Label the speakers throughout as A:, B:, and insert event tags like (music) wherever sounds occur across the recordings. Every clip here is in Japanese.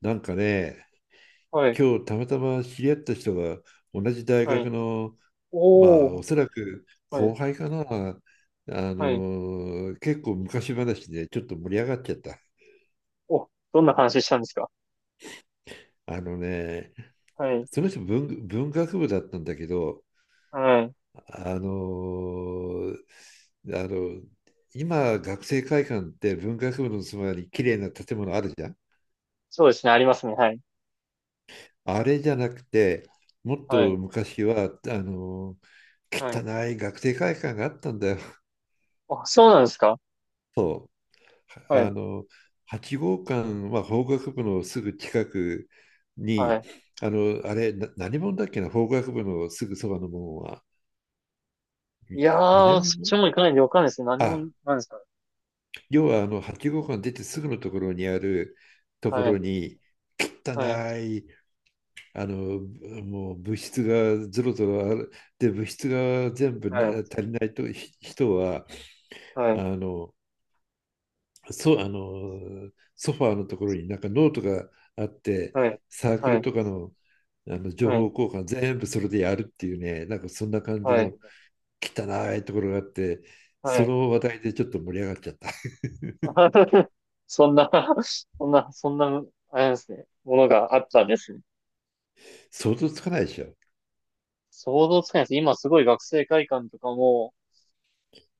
A: なんかね、
B: はい、
A: 今日たまたま知り合った人が同じ大
B: は
A: 学
B: い。
A: の、まあ
B: おー、
A: おそらく
B: は
A: 後
B: い、
A: 輩かな、
B: はい。
A: 結構昔話でちょっと盛り上がっちゃった。
B: お、どんな話したんですか？
A: あのね、
B: はい、
A: その文学部だったんだけど、
B: はい。
A: あのあの今学生会館って文学部のそばに綺麗な建物あるじゃん。
B: そうですね、ありますね。はい、
A: あれじゃなくて、もっと
B: はい、
A: 昔はの
B: はい。
A: 汚い学生会館があったんだよ。
B: あ、そうなんですか？
A: そう、
B: は
A: あ
B: い、
A: の、8号館は法学部のすぐ近く
B: は
A: に、
B: い。
A: あの、あれ、何門だっけな、法学部のすぐそばの門は、
B: い
A: み
B: やー、
A: 南
B: そっち
A: 門。
B: も行かないでわかんないですね。何も、
A: あ、
B: なんですか？
A: 要はあの、8号館出てすぐのとこ
B: は
A: ろ
B: い、
A: に、汚
B: はい、
A: い、あの、もう物質がぞろぞろある、で、物質が全部
B: は
A: な
B: い、
A: 足りないと人は、
B: は
A: あ
B: い、
A: の、そう、あの、ソファーのところになんかノートがあって、
B: はい、
A: サーク
B: は
A: ル
B: い、
A: とかの、あの情
B: は
A: 報
B: い、
A: 交換全部それでやるっていうね、なんかそんな感じ
B: はい、
A: の汚いところがあって、
B: は
A: そ
B: い。
A: の話題でちょっと盛り上がっちゃった。(laughs)
B: (laughs) そんな、そんな、そんな、あれですね、ものがあったんですね。
A: 想像つかないでしょ。
B: 想像つかないです。今すごい学生会館とかも、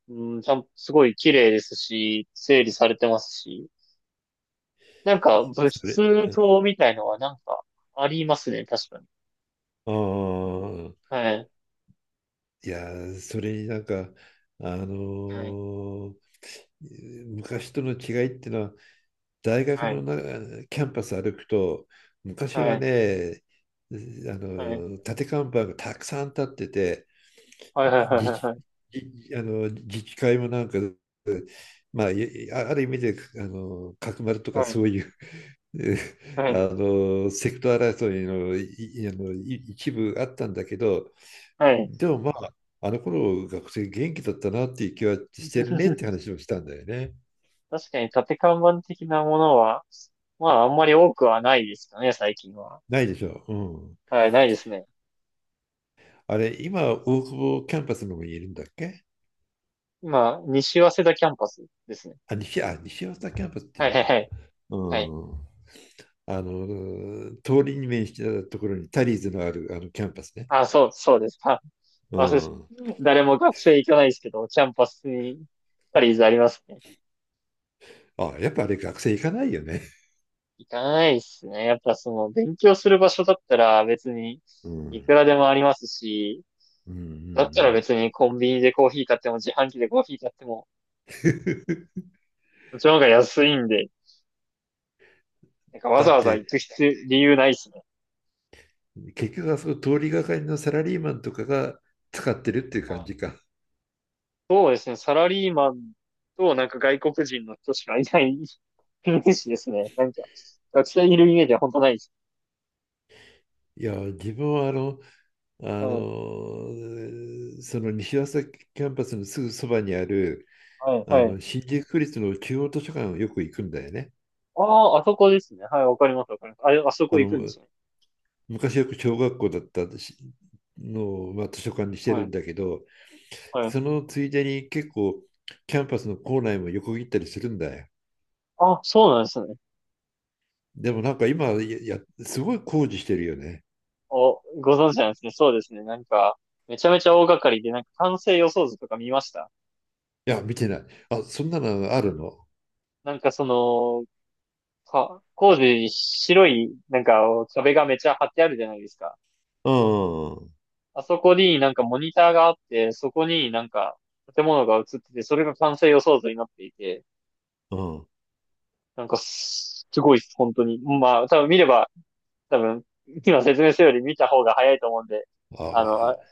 B: うん、ちゃん、すごい綺麗ですし、整理されてますし、なんか物
A: それ、
B: 質
A: うん。
B: 棟みたいのはなんかありますね、確かに。
A: ああ、
B: はい、
A: いやー、それになんか、あの
B: はい、
A: ー昔との違いっていうのは、大学
B: は
A: の
B: い、
A: なキャンパス歩くと、昔
B: は
A: は
B: い、
A: ね、あ
B: はい、
A: の立て看板がたくさん立ってて、
B: はい、はい、
A: 自治
B: はい、
A: じあの自治会もなんか、まあ、ある意味であの角丸と
B: は
A: か
B: い、
A: そういう (laughs)
B: は
A: あ
B: い、
A: のセクト争いのいあのい一部あったんだけど、
B: はい。(laughs) はい。
A: でもまあ、あの頃学生元気だったなっていう気はしてるねって話をしたんだよね。
B: 確かに縦看板的なものは、まああんまり多くはないですかね、最近は。
A: ないでしょう。うん。
B: はい、ないですね。
A: あれ、今、大久保キャンパスの方にいるんだっけ？
B: 今、西早稲田キャンパスですね。
A: あ、西、あ、西大阪キャンパスってい
B: は
A: う
B: い、
A: の
B: はい、は
A: か。
B: い、
A: う
B: はい。
A: ん。あの、通りに面したところにタリーズのあるあのキャンパスね。
B: あ、そう、そうです。あ、
A: う
B: そうです。
A: ん。
B: 誰も学生行かないですけど、キャンパスに、パリーズありますね。
A: あ、やっぱあれ学生行かないよね。
B: 行かないですね。やっぱその、勉強する場所だったら別に、
A: う
B: いく
A: ん。
B: らでもありますし、
A: うんうんう
B: だったら
A: ん。
B: 別にコンビニでコーヒー買っても、自販機でコーヒー買っても、
A: (laughs)
B: そっちの方が安いんで、なんかわ
A: だ
B: ざ
A: っ
B: わざ行く
A: て、
B: 必要、理由ないですね。
A: 結局あそこ通りがかりのサラリーマンとかが使ってるっていう感じか。
B: そうですね。サラリーマンと、なんか外国人の人しかいない (laughs) イメージですね。なんか、学生いるイメージは本当ないです。
A: いや、自分はあの、あ
B: はい、
A: の、その西朝キャンパスのすぐそばにある、
B: はい、
A: あ
B: はい。
A: の、新宿区立の中央図書館をよく行くんだよね。
B: ああ、あそこですね。はい、わかります、わかります。あれ、あそこ
A: あ
B: 行くんで
A: の、
B: すね。
A: 昔よく小学校だったのを、まあ、図書館にして
B: は
A: るん
B: い、
A: だけど、
B: はい。
A: そのついでに結構キャンパスの構内も横切ったりするんだよ。
B: あ、そうなんですね。
A: でもなんか今、いや、すごい工事してるよね。
B: お、ご存知なんですね。そうですね。なんか、めちゃめちゃ大掛かりで、なんか完成予想図とか見ました？
A: いや、見てない。あ、そんなのあるの？
B: なんかその、工事に白い、なんか壁がめちゃ張ってあるじゃないですか。
A: うん、
B: あそこになんかモニターがあって、そこになんか建物が映ってて、それが完成予想図になっていて、
A: うん。
B: なんかすごいです、本当に。まあ、多分見れば、多分、今説明するより見た方が早いと思うんで、
A: あ
B: あの、あ
A: あ。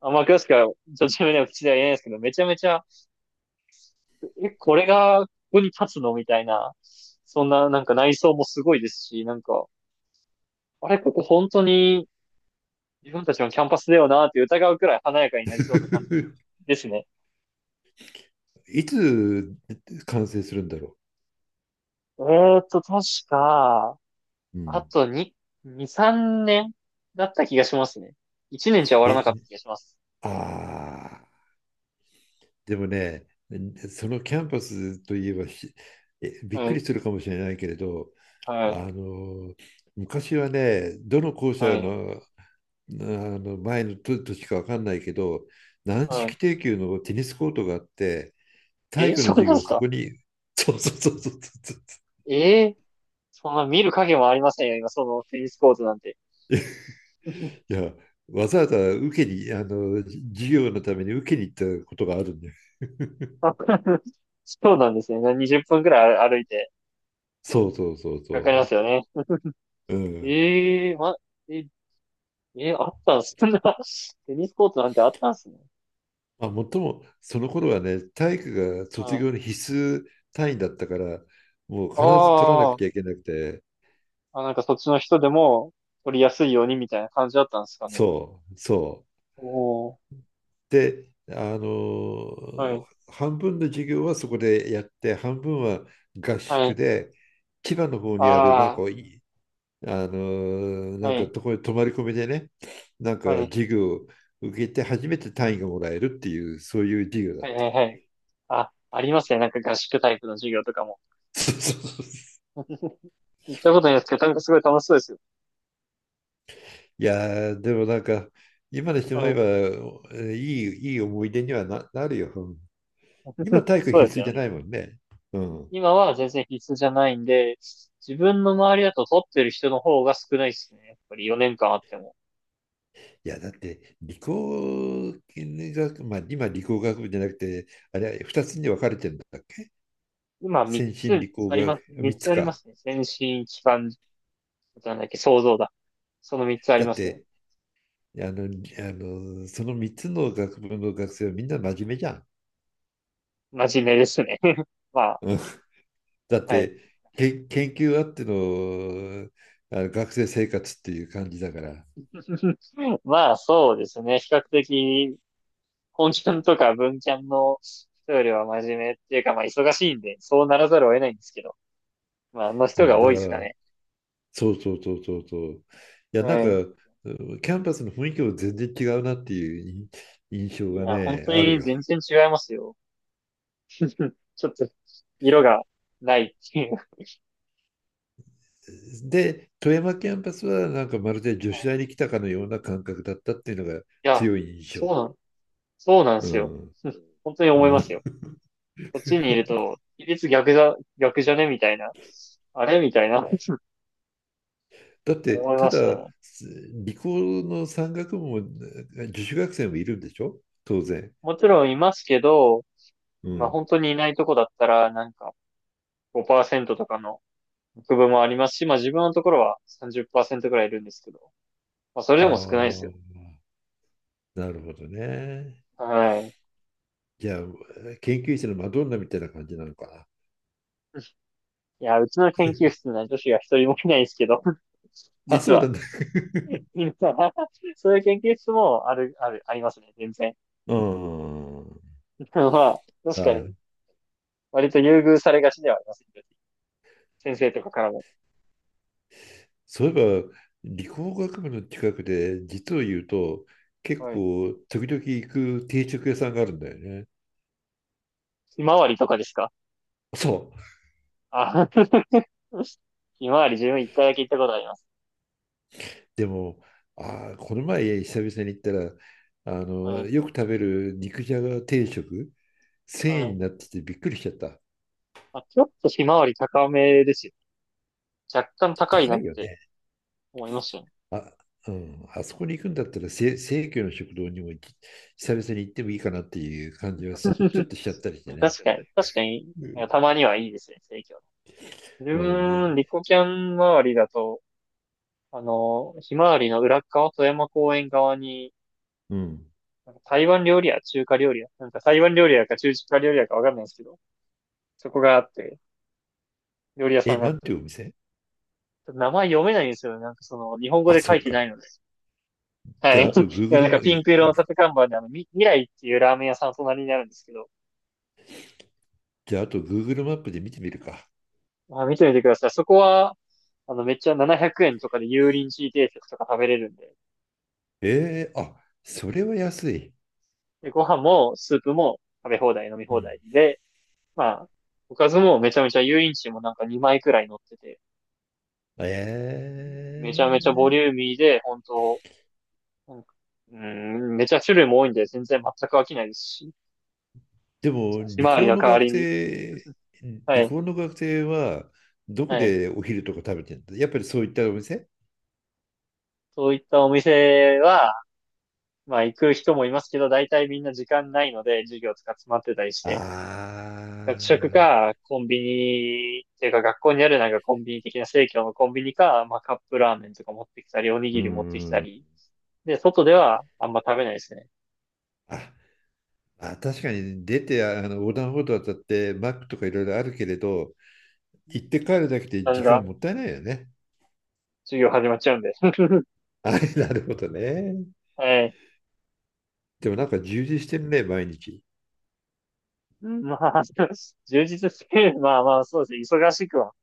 B: 甘く詳しくは、ちょっとは口では言えないですけど、めちゃめちゃ、え、これが、ここに立つのみたいな、そんな、なんか内装もすごいですし、なんか、あれ、ここ本当に自分たちのキャンパスだよなって疑うくらい華やかになりそうな感じ
A: (laughs)
B: ですね。
A: いつ完成するんだろ
B: 確か、
A: う。う
B: あ
A: ん、
B: と2、2、3年だった気がしますね。1年じゃ終わらな
A: え、
B: かった気がします。
A: ああ、でもね、そのキャンパスといえば、びっ
B: は
A: く
B: い、
A: りするかもしれないけれど、
B: はい、
A: あの、昔はね、どの校
B: は
A: 舎
B: い、
A: の、あの前のとしか分かんないけど、軟
B: はい。
A: 式定級のテニスコートがあって、体
B: え、
A: 育の
B: そう
A: 授
B: なんで
A: 業、
B: す
A: そ
B: か？
A: こに、(laughs) そうそうそうそうそうそ
B: ええ、そんな見る影もありませんよ、今、そのテニスコートなんて。
A: う、いや、わざわざ受けに、あの、授業のために受けに行ったことがあるんだよ。(laughs)
B: (laughs) そうなんですね。20分くらい歩いて、
A: そうそうそう
B: かかり
A: そ
B: ますよね。
A: う。うん。
B: ええま、え、あったんす、そんな、(laughs) テニスコートなんてあったんすね。
A: まあ、もっとも、その頃はね、体育が
B: は
A: 卒業
B: い。
A: の必須単位だったから、もう必ず取らなく
B: あ
A: ちゃい
B: ー
A: けなくて、
B: なんかそっちの人でも、取りやすいようにみたいな感じだったんですかね。
A: そう。
B: おお、
A: で、
B: は
A: ー
B: い、
A: 半分の授業はそこでやって、半分は合
B: は
A: 宿
B: い、
A: で、千葉の方にある、なんか
B: あ
A: いい、あの
B: あ、
A: な
B: は
A: んか
B: い、
A: とこに泊まり込みでね、なんか
B: はい、
A: 授業を受けて初めて単位がもらえるっていう、そういう授業だ
B: は
A: っ
B: い、
A: た。
B: はい、はい。あ、ありますね。なんか合宿タイプの授業とかも。
A: (laughs) そう。
B: (laughs) 行ったことないですけど、なんかすごい楽しそうですよ。
A: いやー、でもなんか、今にして
B: は
A: 思え
B: い。
A: ば、いい思い出にはなるよ。うん。今、体育
B: そうです
A: 必須
B: よ
A: じ
B: ね。
A: ゃないもんね。うん。
B: 今は全然必須じゃないんで、自分の周りだと取ってる人の方が少ないですね。やっぱり4年間あっても。
A: いや、だって、理工学、まあ、今、理工学部じゃなくて、あれ、2つに分かれてるんだっけ？
B: 今3
A: 先
B: つ
A: 進理工
B: あります
A: 学、
B: ね、3
A: 3つ
B: つありま
A: か。
B: すね。先進、機関、なんだっけ、想像だ。その3つあり
A: だっ
B: ますね。
A: て、あの、りあの、その3つの学部の学生はみんな真面目じゃん。
B: 真面目ですね。(laughs) まあ、
A: うん。だっ
B: はい。
A: て、研究あっての、あの学生生活っていう感じだから。
B: (laughs) まあ、そうですね。比較的、本キャンとか文キャンの人よりは真面目っていうか、まあ、忙しいんで、そうならざるを得ないんですけど。まあ、あの
A: う
B: 人が
A: ん、だ
B: 多
A: か
B: いですか
A: ら
B: ね。
A: そう。いや、
B: う
A: なんか、
B: ん。
A: うん。キャンパスの雰囲気も全然違うなっていう印象
B: い
A: が
B: や、本
A: ね、
B: 当
A: ある
B: に
A: よ。
B: 全然違いますよ。(laughs) うん、ちょっと色がないっていう。
A: で、富山キャンパスはなんかまるで女子
B: (laughs)
A: 大に来たかのような感覚だったっていうのが
B: いや、
A: 強い印
B: そ
A: 象。
B: うなん、そうなんで
A: う
B: すよ。
A: ん。
B: (laughs) うん、本当に
A: う
B: 思います
A: ん、
B: よ。こっちにいると、比率逆だ、逆じゃねみたいな。あれみたいな。(laughs) うん、
A: だって、
B: 思い
A: た
B: ました
A: だ、
B: ね。
A: す理工の山岳部も女子学生もいるんでしょ当然。
B: もちろんいますけど、
A: う
B: まあ
A: ん。
B: 本当にいないとこだったら、なんか5%とかの区分もありますし、まあ自分のところは30%くらいいるんですけど、まあそれ
A: あ
B: でも少ないですよ。
A: あ、なるほどね。
B: はい。
A: じゃあ、研究室のマドンナみたいな感じなのかな。
B: いや、うちの研究室には女子が一人もいないですけど、(laughs)
A: あ、
B: 実
A: そうな
B: は
A: んだね。
B: 今、(laughs) そういう研究室もある、ある、ありますね、全然。
A: うん。
B: (laughs) まあ、確かに、
A: あ、
B: 割と優遇されがちではありますね。先生とかからも。
A: そういえば、理工学部の近くで、実を言うと、結
B: はい。
A: 構、時々行く定食屋さんがあるんだよね。
B: ひまわりとかですか？
A: そう。
B: あ、(laughs) ひまわり自分一回だけ行ったことあります。
A: でも、あー、この前、久々に行ったら、あの、
B: はい。
A: よく食べる肉じゃが定食、1
B: は
A: 0円
B: い。
A: になっててびっくりしちゃった。
B: あ、ちょっとひまわり高めですよ。若干高い
A: 高
B: なっ
A: いよ
B: て
A: ね。
B: 思いましたね。
A: あ、うん。あそこに行くんだったら、生協の食堂にも久々に行ってもいいかなっていう感じはちょ
B: (laughs)
A: っとしちゃったりしてね。
B: 確かに、確かに、
A: うん。
B: たまにはいいですね、生協。自
A: う
B: 分、
A: ん。
B: リ
A: で、
B: コキャン周りだと、あの、ひまわりの裏側、富山公園側に、
A: うん。
B: なんか台湾料理屋、中華料理屋。なんか台湾料理屋か中華料理屋かわかんないんですけど、そこがあって、料理屋さ
A: え、
B: んがあ
A: な
B: っ
A: ん
B: て。
A: てい
B: ち
A: うお店？
B: ょっと名前読めないんですよね。なんかその、日本語
A: あ、
B: で
A: そ
B: 書い
A: う
B: て
A: か。
B: ないので。
A: じ
B: は
A: ゃ
B: い。
A: あ、あと
B: (laughs) いや、な
A: Google
B: んか
A: マ、
B: ピンク色の立て看板で、あの、未来っていうラーメン屋さん隣にあるんですけど、
A: じゃあ、あと Google マップで見てみるか。
B: まあ、見てみてください。そこは、あの、めっちゃ700円とかで油淋鶏定食とか食べれるんで、
A: えー、あ、それは安い。
B: で、ご飯もスープも食べ放題、飲み
A: う
B: 放
A: ん。
B: 題で、まあ、おかずもめちゃめちゃ油淋鶏もなんか2枚くらい乗ってて、
A: え
B: めちゃめちゃボ
A: ー、
B: リューミーで、本当なんか、うーん、めちゃ種類も多いんで、全然全く飽きないですし、
A: でも、
B: ひまわりの代わりに。は
A: 理
B: い、
A: 工の学生は、どこ
B: はい。
A: でお昼とか食べてるんだ？やっぱりそういったお店？
B: そういったお店は、まあ行く人もいますけど、大体みんな時間ないので、授業とか詰まってたりし
A: あ
B: て、
A: あ
B: 学食
A: ー、
B: か、コンビニ、っていうか学校にあるなんかコンビニ的な生協のコンビニか、まあカップラーメンとか持ってきたり、おに
A: う
B: ぎ
A: ー
B: り持ってきた
A: ん。
B: り、で、外ではあんま食べないですね。
A: あ、あ、確かに出て、あの、横断歩道渡って、マックとかいろいろあるけれど、行って帰るだけで
B: な
A: 時
B: んだ、
A: 間もったいないよね。
B: 授業始まっちゃうんで。(laughs)
A: あれ、なるほどね。
B: はい。
A: でもなんか充実してるね、毎日。
B: まあ、(laughs) 充実して、まあまあ、そうですね。忙しくは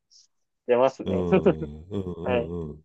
B: 出ます
A: う
B: ね。
A: ん、うん、
B: (laughs)
A: う
B: はい。
A: うん。